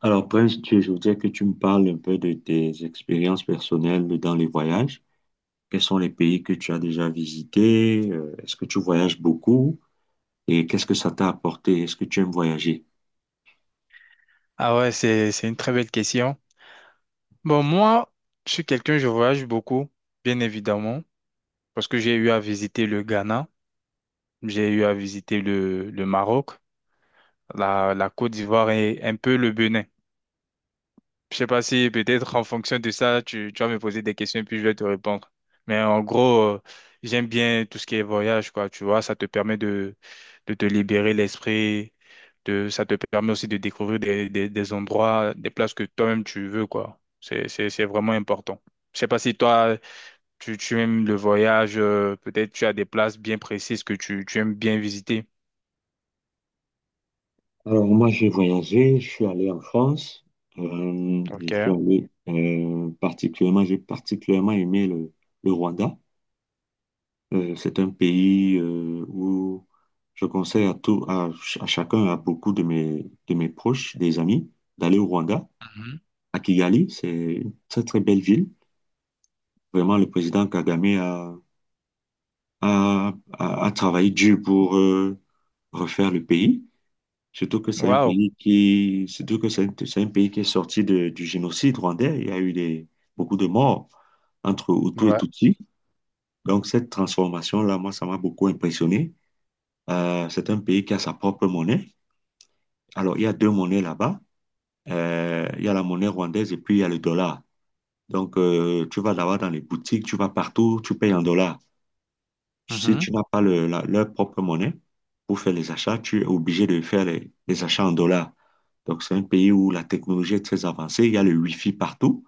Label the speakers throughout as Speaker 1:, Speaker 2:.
Speaker 1: Alors, Prince, je voudrais que tu me parles un peu de tes expériences personnelles dans les voyages. Quels sont les pays que tu as déjà visités? Est-ce que tu voyages beaucoup? Et qu'est-ce que ça t'a apporté? Est-ce que tu aimes voyager?
Speaker 2: Ah ouais, c'est une très belle question. Bon, moi, je suis quelqu'un, je voyage beaucoup, bien évidemment, parce que j'ai eu à visiter le Ghana, j'ai eu à visiter le Maroc, la Côte d'Ivoire et un peu le Bénin. Je sais pas si peut-être en fonction de ça, tu vas me poser des questions et puis je vais te répondre. Mais en gros, j'aime bien tout ce qui est voyage, quoi. Tu vois, ça te permet de te libérer l'esprit, ça te permet aussi de découvrir des endroits, des places que toi-même tu veux, quoi. C'est vraiment important. Je sais pas si toi, tu aimes le voyage, peut-être tu as des places bien précises que tu aimes bien visiter.
Speaker 1: Alors, moi, j'ai voyagé. Je suis allé en France. Je
Speaker 2: Ok.
Speaker 1: suis allé particulièrement, j'ai particulièrement aimé le Rwanda. C'est un pays où je conseille à à chacun, à beaucoup de de mes proches, des amis, d'aller au Rwanda.
Speaker 2: Mhm.
Speaker 1: À Kigali. C'est une très, très belle ville. Vraiment, le président Kagame a, a travaillé dur pour refaire le pays.
Speaker 2: Waouh.
Speaker 1: Surtout que c'est c'est un pays qui est sorti du génocide rwandais. Il y a eu beaucoup de morts entre Hutu et
Speaker 2: Ouais.
Speaker 1: Tutsi. Donc, cette transformation-là, moi, ça m'a beaucoup impressionné. C'est un pays qui a sa propre monnaie. Alors, il y a deux monnaies là-bas. Il y a la monnaie rwandaise et puis il y a le dollar. Donc, tu vas l'avoir dans les boutiques, tu vas partout, tu payes en dollars. Si
Speaker 2: Mhm.
Speaker 1: tu n'as pas leur propre monnaie pour faire les achats, tu es obligé de faire les achats en dollars. Donc, c'est un pays où la technologie est très avancée, il y a le Wi-Fi partout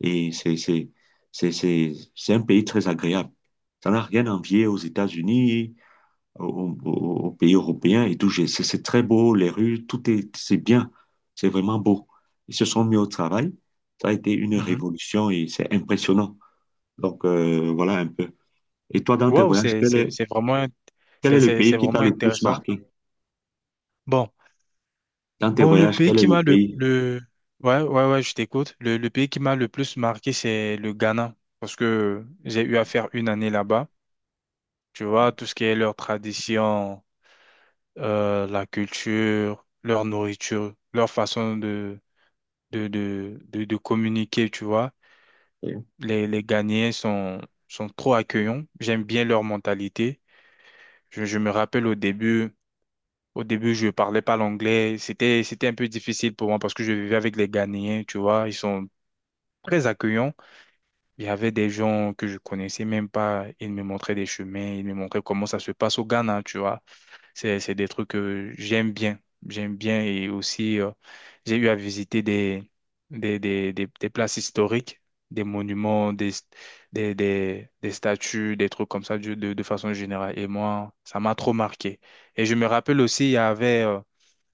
Speaker 1: et c'est un pays très agréable. Ça n'a rien à envier aux États-Unis, aux, aux- aux pays européens et tout. C'est très beau, les rues, c'est bien, c'est vraiment beau. Ils se sont mis au travail. Ça a été une
Speaker 2: Mhm.
Speaker 1: révolution et c'est impressionnant. Donc, voilà un peu. Et toi, dans tes
Speaker 2: Waouh,
Speaker 1: voyages,
Speaker 2: c'est, c'est, c'est vraiment,
Speaker 1: quel est le pays
Speaker 2: c'est
Speaker 1: qui t'a
Speaker 2: vraiment
Speaker 1: le plus
Speaker 2: intéressant.
Speaker 1: marqué?
Speaker 2: Bon,
Speaker 1: Dans tes
Speaker 2: bon, le
Speaker 1: voyages,
Speaker 2: pays
Speaker 1: quel est
Speaker 2: qui
Speaker 1: le
Speaker 2: m'a
Speaker 1: pays?
Speaker 2: ouais, ouais, ouais, je t'écoute. Le pays qui m'a le plus marqué, c'est le Ghana, parce que j'ai eu à faire une année là-bas. Tu vois, tout ce qui est leur tradition, la culture, leur nourriture, leur façon de communiquer, tu vois. Les Ghanéens sont trop accueillants. J'aime bien leur mentalité. Je me rappelle au début. Au début, je parlais pas l'anglais. C'était un peu difficile pour moi parce que je vivais avec les Ghanéens, tu vois. Ils sont très accueillants. Il y avait des gens que je connaissais même pas. Ils me montraient des chemins. Ils me montraient comment ça se passe au Ghana, tu vois. C'est des trucs que j'aime bien. J'aime bien. Et aussi, j'ai eu à visiter des places historiques, des monuments, des statues, des trucs comme ça de façon générale. Et moi, ça m'a trop marqué. Et je me rappelle aussi, il y avait,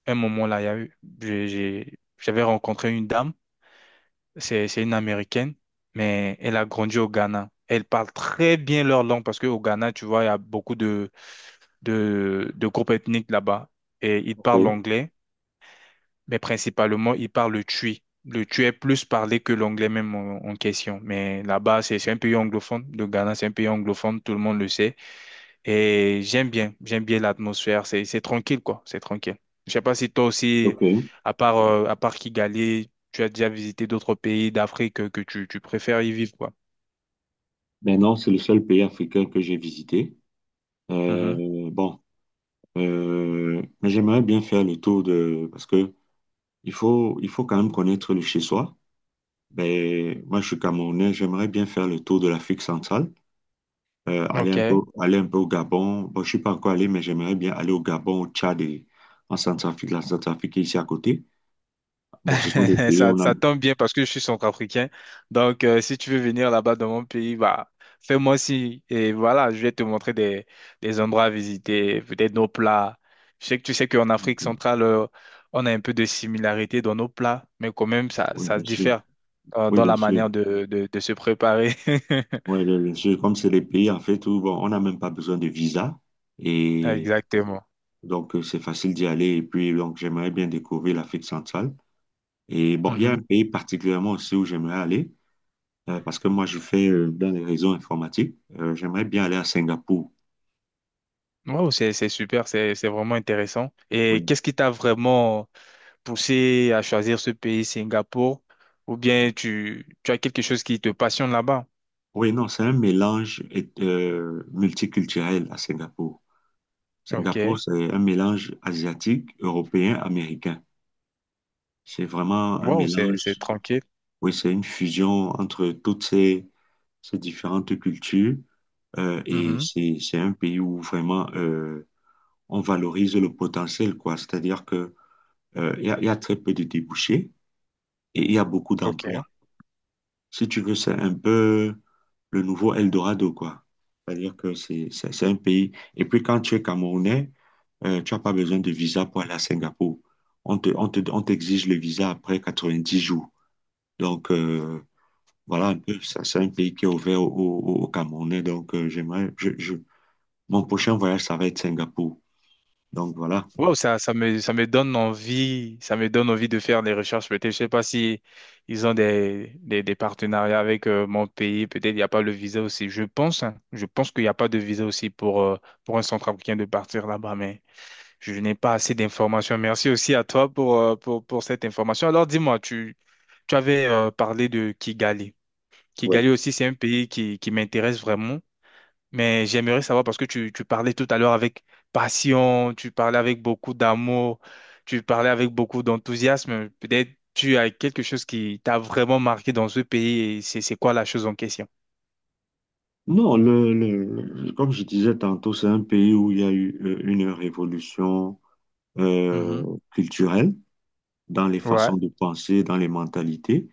Speaker 2: un moment là, il y a eu- j'ai- j'avais rencontré une dame, c'est une Américaine, mais elle a grandi au Ghana. Elle parle très bien leur langue parce qu'au Ghana, tu vois, il y a beaucoup de groupes ethniques là-bas. Et ils
Speaker 1: Ok,
Speaker 2: parlent l'anglais, mais principalement, ils parlent le tui. Le tui est plus parlé que l'anglais même en question. Mais là-bas, c'est un pays anglophone. Le Ghana, c'est un pays anglophone, tout le monde le sait. Et j'aime bien l'atmosphère, c'est tranquille quoi, c'est tranquille. Je sais pas si toi aussi,
Speaker 1: ok.
Speaker 2: à part Kigali, tu as déjà visité d'autres pays d'Afrique que tu préfères y vivre quoi.
Speaker 1: Maintenant, c'est le seul pays africain que j'ai visité.
Speaker 2: Mhm.
Speaker 1: Bon, mais j'aimerais bien faire le tour de... Parce que il faut quand même connaître le chez-soi. Ben, moi, je suis Camerounais, j'aimerais bien faire le tour de l'Afrique centrale, euh, aller un peu,
Speaker 2: Ok.
Speaker 1: aller un peu au Gabon. Bon, je suis pas encore allé, mais j'aimerais bien aller au Gabon, au Tchad et en Centrafrique, la Centrafrique est ici à côté. Bon, ce sont des pays où
Speaker 2: Ça,
Speaker 1: on a...
Speaker 2: ça tombe bien parce que je suis centrafricain. Donc, si tu veux venir là-bas dans mon pays, bah, fais-moi si et voilà, je vais te montrer des endroits à visiter, peut-être nos plats. Je sais que tu sais qu'en Afrique centrale, on a un peu de similarité dans nos plats, mais quand même, ça,
Speaker 1: Oui,
Speaker 2: ça
Speaker 1: bien
Speaker 2: se
Speaker 1: sûr.
Speaker 2: diffère dans,
Speaker 1: Oui,
Speaker 2: dans
Speaker 1: bien
Speaker 2: la
Speaker 1: sûr.
Speaker 2: manière de se préparer.
Speaker 1: Oui, bien sûr. Comme c'est des pays, en fait, où bon, on n'a même pas besoin de visa. Et
Speaker 2: Exactement.
Speaker 1: donc, c'est facile d'y aller. Et puis, donc, j'aimerais bien découvrir l'Afrique centrale. Et bon, il y a
Speaker 2: Mhm.
Speaker 1: un pays particulièrement aussi où j'aimerais aller, parce que moi, je fais dans les réseaux informatiques. J'aimerais bien aller à Singapour.
Speaker 2: Wow, c'est super, c'est vraiment intéressant. Et
Speaker 1: Oui.
Speaker 2: qu'est-ce qui t'a vraiment poussé à choisir ce pays, Singapour, ou bien tu as quelque chose qui te passionne là-bas.
Speaker 1: Oui, non, c'est un multiculturel à Singapour. Singapour,
Speaker 2: Ok.
Speaker 1: c'est un mélange asiatique, européen, américain. C'est vraiment un
Speaker 2: Wow, c'est
Speaker 1: mélange.
Speaker 2: tranquille.
Speaker 1: Oui, c'est une fusion entre toutes ces différentes cultures. Euh, et
Speaker 2: Mhm.
Speaker 1: c'est un pays où vraiment on valorise le potentiel, quoi. C'est-à-dire que il y a très peu de débouchés et il y a beaucoup d'emplois.
Speaker 2: Ok.
Speaker 1: Si tu veux, c'est un peu le nouveau Eldorado, quoi. C'est-à-dire que c'est un pays. Et puis quand tu es Camerounais, tu n'as pas besoin de visa pour aller à Singapour. On t'exige le visa après 90 jours. Donc, voilà un peu, ça, c'est un pays qui est ouvert aux Camerounais. Donc, mon prochain voyage, ça va être Singapour. Donc, voilà.
Speaker 2: Wow, ça me donne envie, ça me donne envie de faire des recherches. Peut-être, je sais pas si ils ont des partenariats avec mon pays. Peut-être il n'y a pas le visa aussi. Je pense, hein, je pense qu'il n'y a pas de visa aussi pour un centrafricain de partir là-bas, mais je n'ai pas assez d'informations. Merci aussi à toi pour, pour cette information. Alors, dis-moi, tu tu avais parlé de Kigali. Kigali
Speaker 1: Ouais.
Speaker 2: aussi, c'est un pays qui m'intéresse vraiment, mais j'aimerais savoir parce que tu parlais tout à l'heure avec passion, tu parlais avec beaucoup d'amour, tu parlais avec beaucoup d'enthousiasme. Peut-être tu as quelque chose qui t'a vraiment marqué dans ce pays et c'est quoi la chose en question?
Speaker 1: Non, comme je disais tantôt, c'est un pays où il y a eu une révolution
Speaker 2: Mhm.
Speaker 1: culturelle dans les
Speaker 2: Ouais.
Speaker 1: façons de penser, dans les mentalités.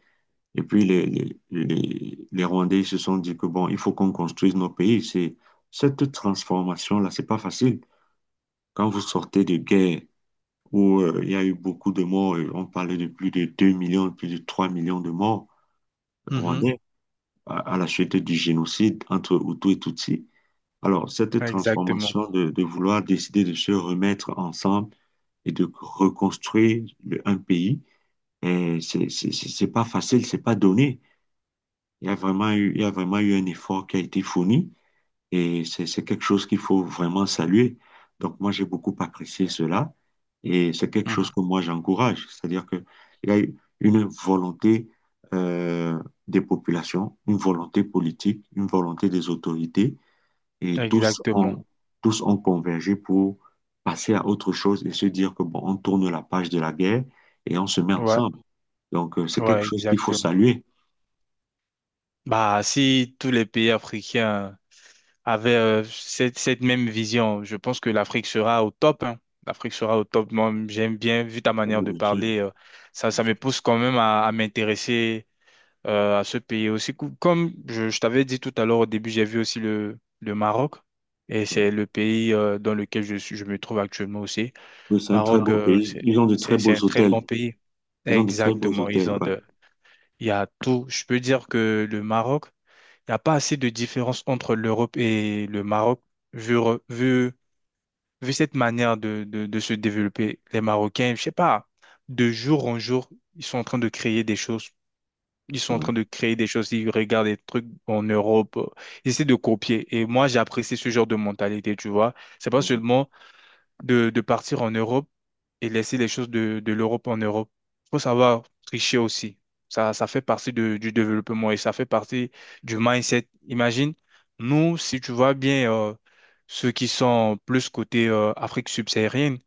Speaker 1: Et puis, les Rwandais se sont dit que, bon, il faut qu'on construise nos pays. Cette transformation-là, c'est pas facile. Quand vous sortez de guerre, où il y a eu beaucoup de morts. On parlait de plus de 2 millions, plus de 3 millions de morts
Speaker 2: Mhm.
Speaker 1: rwandais à la suite du génocide entre Hutus et Tutsis. Alors, cette
Speaker 2: Exactement.
Speaker 1: transformation de vouloir décider de se remettre ensemble et de reconstruire un pays, c'est pas facile, c'est pas donné. Il y a vraiment eu un effort qui a été fourni. Et c'est quelque chose qu'il faut vraiment saluer. Donc moi, j'ai beaucoup apprécié cela. Et c'est quelque chose
Speaker 2: Mhm.
Speaker 1: que moi, j'encourage. C'est-à-dire qu'il y a une volonté euh, des populations, une volonté politique, une volonté des autorités. Et
Speaker 2: Exactement.
Speaker 1: tous ont convergé pour passer à autre chose et se dire que, bon, on tourne la page de la guerre et on se met
Speaker 2: Ouais.
Speaker 1: ensemble. Donc c'est quelque
Speaker 2: Ouais,
Speaker 1: chose qu'il faut
Speaker 2: exactement.
Speaker 1: saluer.
Speaker 2: Bah, si tous les pays africains avait cette, cette même vision. Je pense que l'Afrique sera au top. Hein. L'Afrique sera au top. Moi, j'aime bien, vu ta manière
Speaker 1: Oui,
Speaker 2: de
Speaker 1: bien sûr.
Speaker 2: parler, ça me pousse quand même à m'intéresser à ce pays aussi. Cou- Comme je t'avais dit tout à l'heure au début, j'ai vu aussi le Maroc. Et c'est le pays dans lequel je suis, je me trouve actuellement aussi.
Speaker 1: Oui, c'est un très
Speaker 2: Maroc,
Speaker 1: beau pays. Ils ont de très beaux
Speaker 2: c'est un très
Speaker 1: hôtels.
Speaker 2: bon pays.
Speaker 1: Ils ont de très beaux
Speaker 2: Exactement.
Speaker 1: hôtels,
Speaker 2: Ils ont
Speaker 1: ouais.
Speaker 2: de, il y a tout. Je peux dire que le Maroc, il n'y a pas assez de différence entre l'Europe et le Maroc, vu, re- vu, vu cette manière de se développer. Les Marocains, je sais pas, de jour en jour, ils sont en train de créer des choses. Ils sont en
Speaker 1: Ouais.
Speaker 2: train de créer des choses. Ils regardent des trucs en Europe. Ils essaient de copier. Et moi, j'apprécie ce genre de mentalité, tu vois. C'est pas seulement de partir en Europe et laisser les choses de l'Europe en Europe. Il faut savoir tricher aussi. Ça fait partie de- du développement et ça fait partie du mindset. Imagine, nous, si tu vois bien ceux qui sont plus côté Afrique subsaharienne,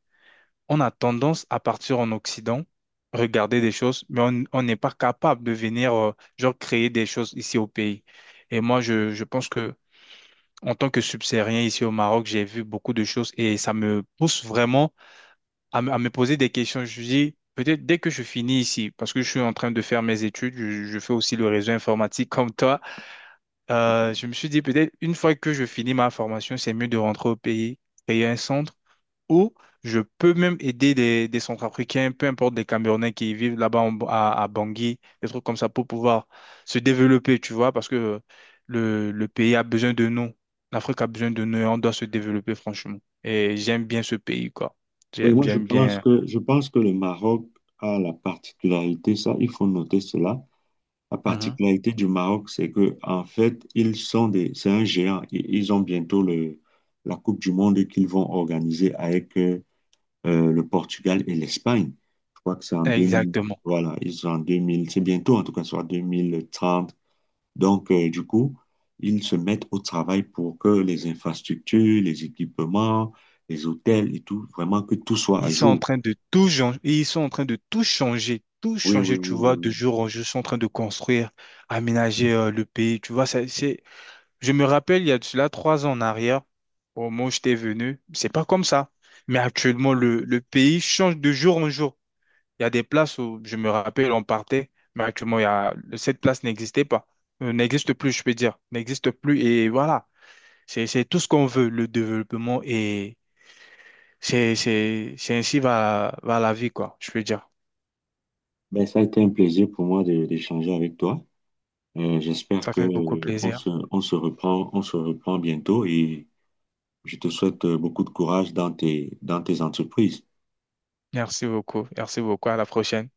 Speaker 2: on a tendance à partir en Occident, regarder des choses, mais on n'est pas capable de venir genre créer des choses ici au pays. Et moi, je pense que en tant que subsaharien ici au Maroc, j'ai vu beaucoup de choses et ça me pousse vraiment à me poser des questions. Je dis, peut-être dès que je finis ici, parce que je suis en train de faire mes études, je fais aussi le réseau informatique comme toi, je me suis dit, peut-être une fois que je finis ma formation, c'est mieux de rentrer au pays, créer un centre où je peux même aider des Centrafricains, peu importe des Camerounais qui vivent là-bas en- à Bangui, des trucs comme ça pour pouvoir se développer, tu vois, parce que le pays a besoin de nous. L'Afrique a besoin de nous et on doit se développer, franchement. Et j'aime bien ce pays, quoi.
Speaker 1: Oui,
Speaker 2: J'aime,
Speaker 1: moi
Speaker 2: j'aime bien.
Speaker 1: je pense que le Maroc a la particularité, ça, il faut noter cela. La
Speaker 2: Mhm.
Speaker 1: particularité du Maroc, c'est que en fait, c'est un géant. Ils ont bientôt la Coupe du Monde qu'ils vont organiser avec le Portugal et l'Espagne. Je crois que c'est en 2000,
Speaker 2: Exactement.
Speaker 1: voilà, ils sont en 2000. C'est bientôt en tout cas, soit 2030. Donc, du coup, ils se mettent au travail pour que les infrastructures, les équipements, les hôtels et tout, vraiment que tout soit
Speaker 2: Ils
Speaker 1: à
Speaker 2: sont en
Speaker 1: jour.
Speaker 2: train de tout changer, ils sont en train de tout
Speaker 1: Oui, oui,
Speaker 2: changer, tu
Speaker 1: oui, oui.
Speaker 2: vois, de
Speaker 1: Oui.
Speaker 2: jour en jour, ils sont en train de construire, aménager le pays, tu vois, ça, c'est, je me rappelle, il y a de cela 3 ans en arrière, au moment où j'étais venu, c'est pas comme ça. Mais actuellement, le pays change de jour en jour. Il y a des places où, je me rappelle, on partait, mais actuellement, il y a, cette place n'existait pas, euh, n'existe plus, je peux dire, n'existe plus, et voilà, c'est tout ce qu'on veut, le développement. C'est ainsi va la vie, quoi, je peux dire.
Speaker 1: Ben, ça a été un plaisir pour moi d'échanger avec toi. J'espère
Speaker 2: Ça
Speaker 1: que,
Speaker 2: fait beaucoup plaisir.
Speaker 1: on se reprend bientôt et je te souhaite beaucoup de courage dans dans tes entreprises.
Speaker 2: Merci beaucoup. Merci beaucoup. À la prochaine.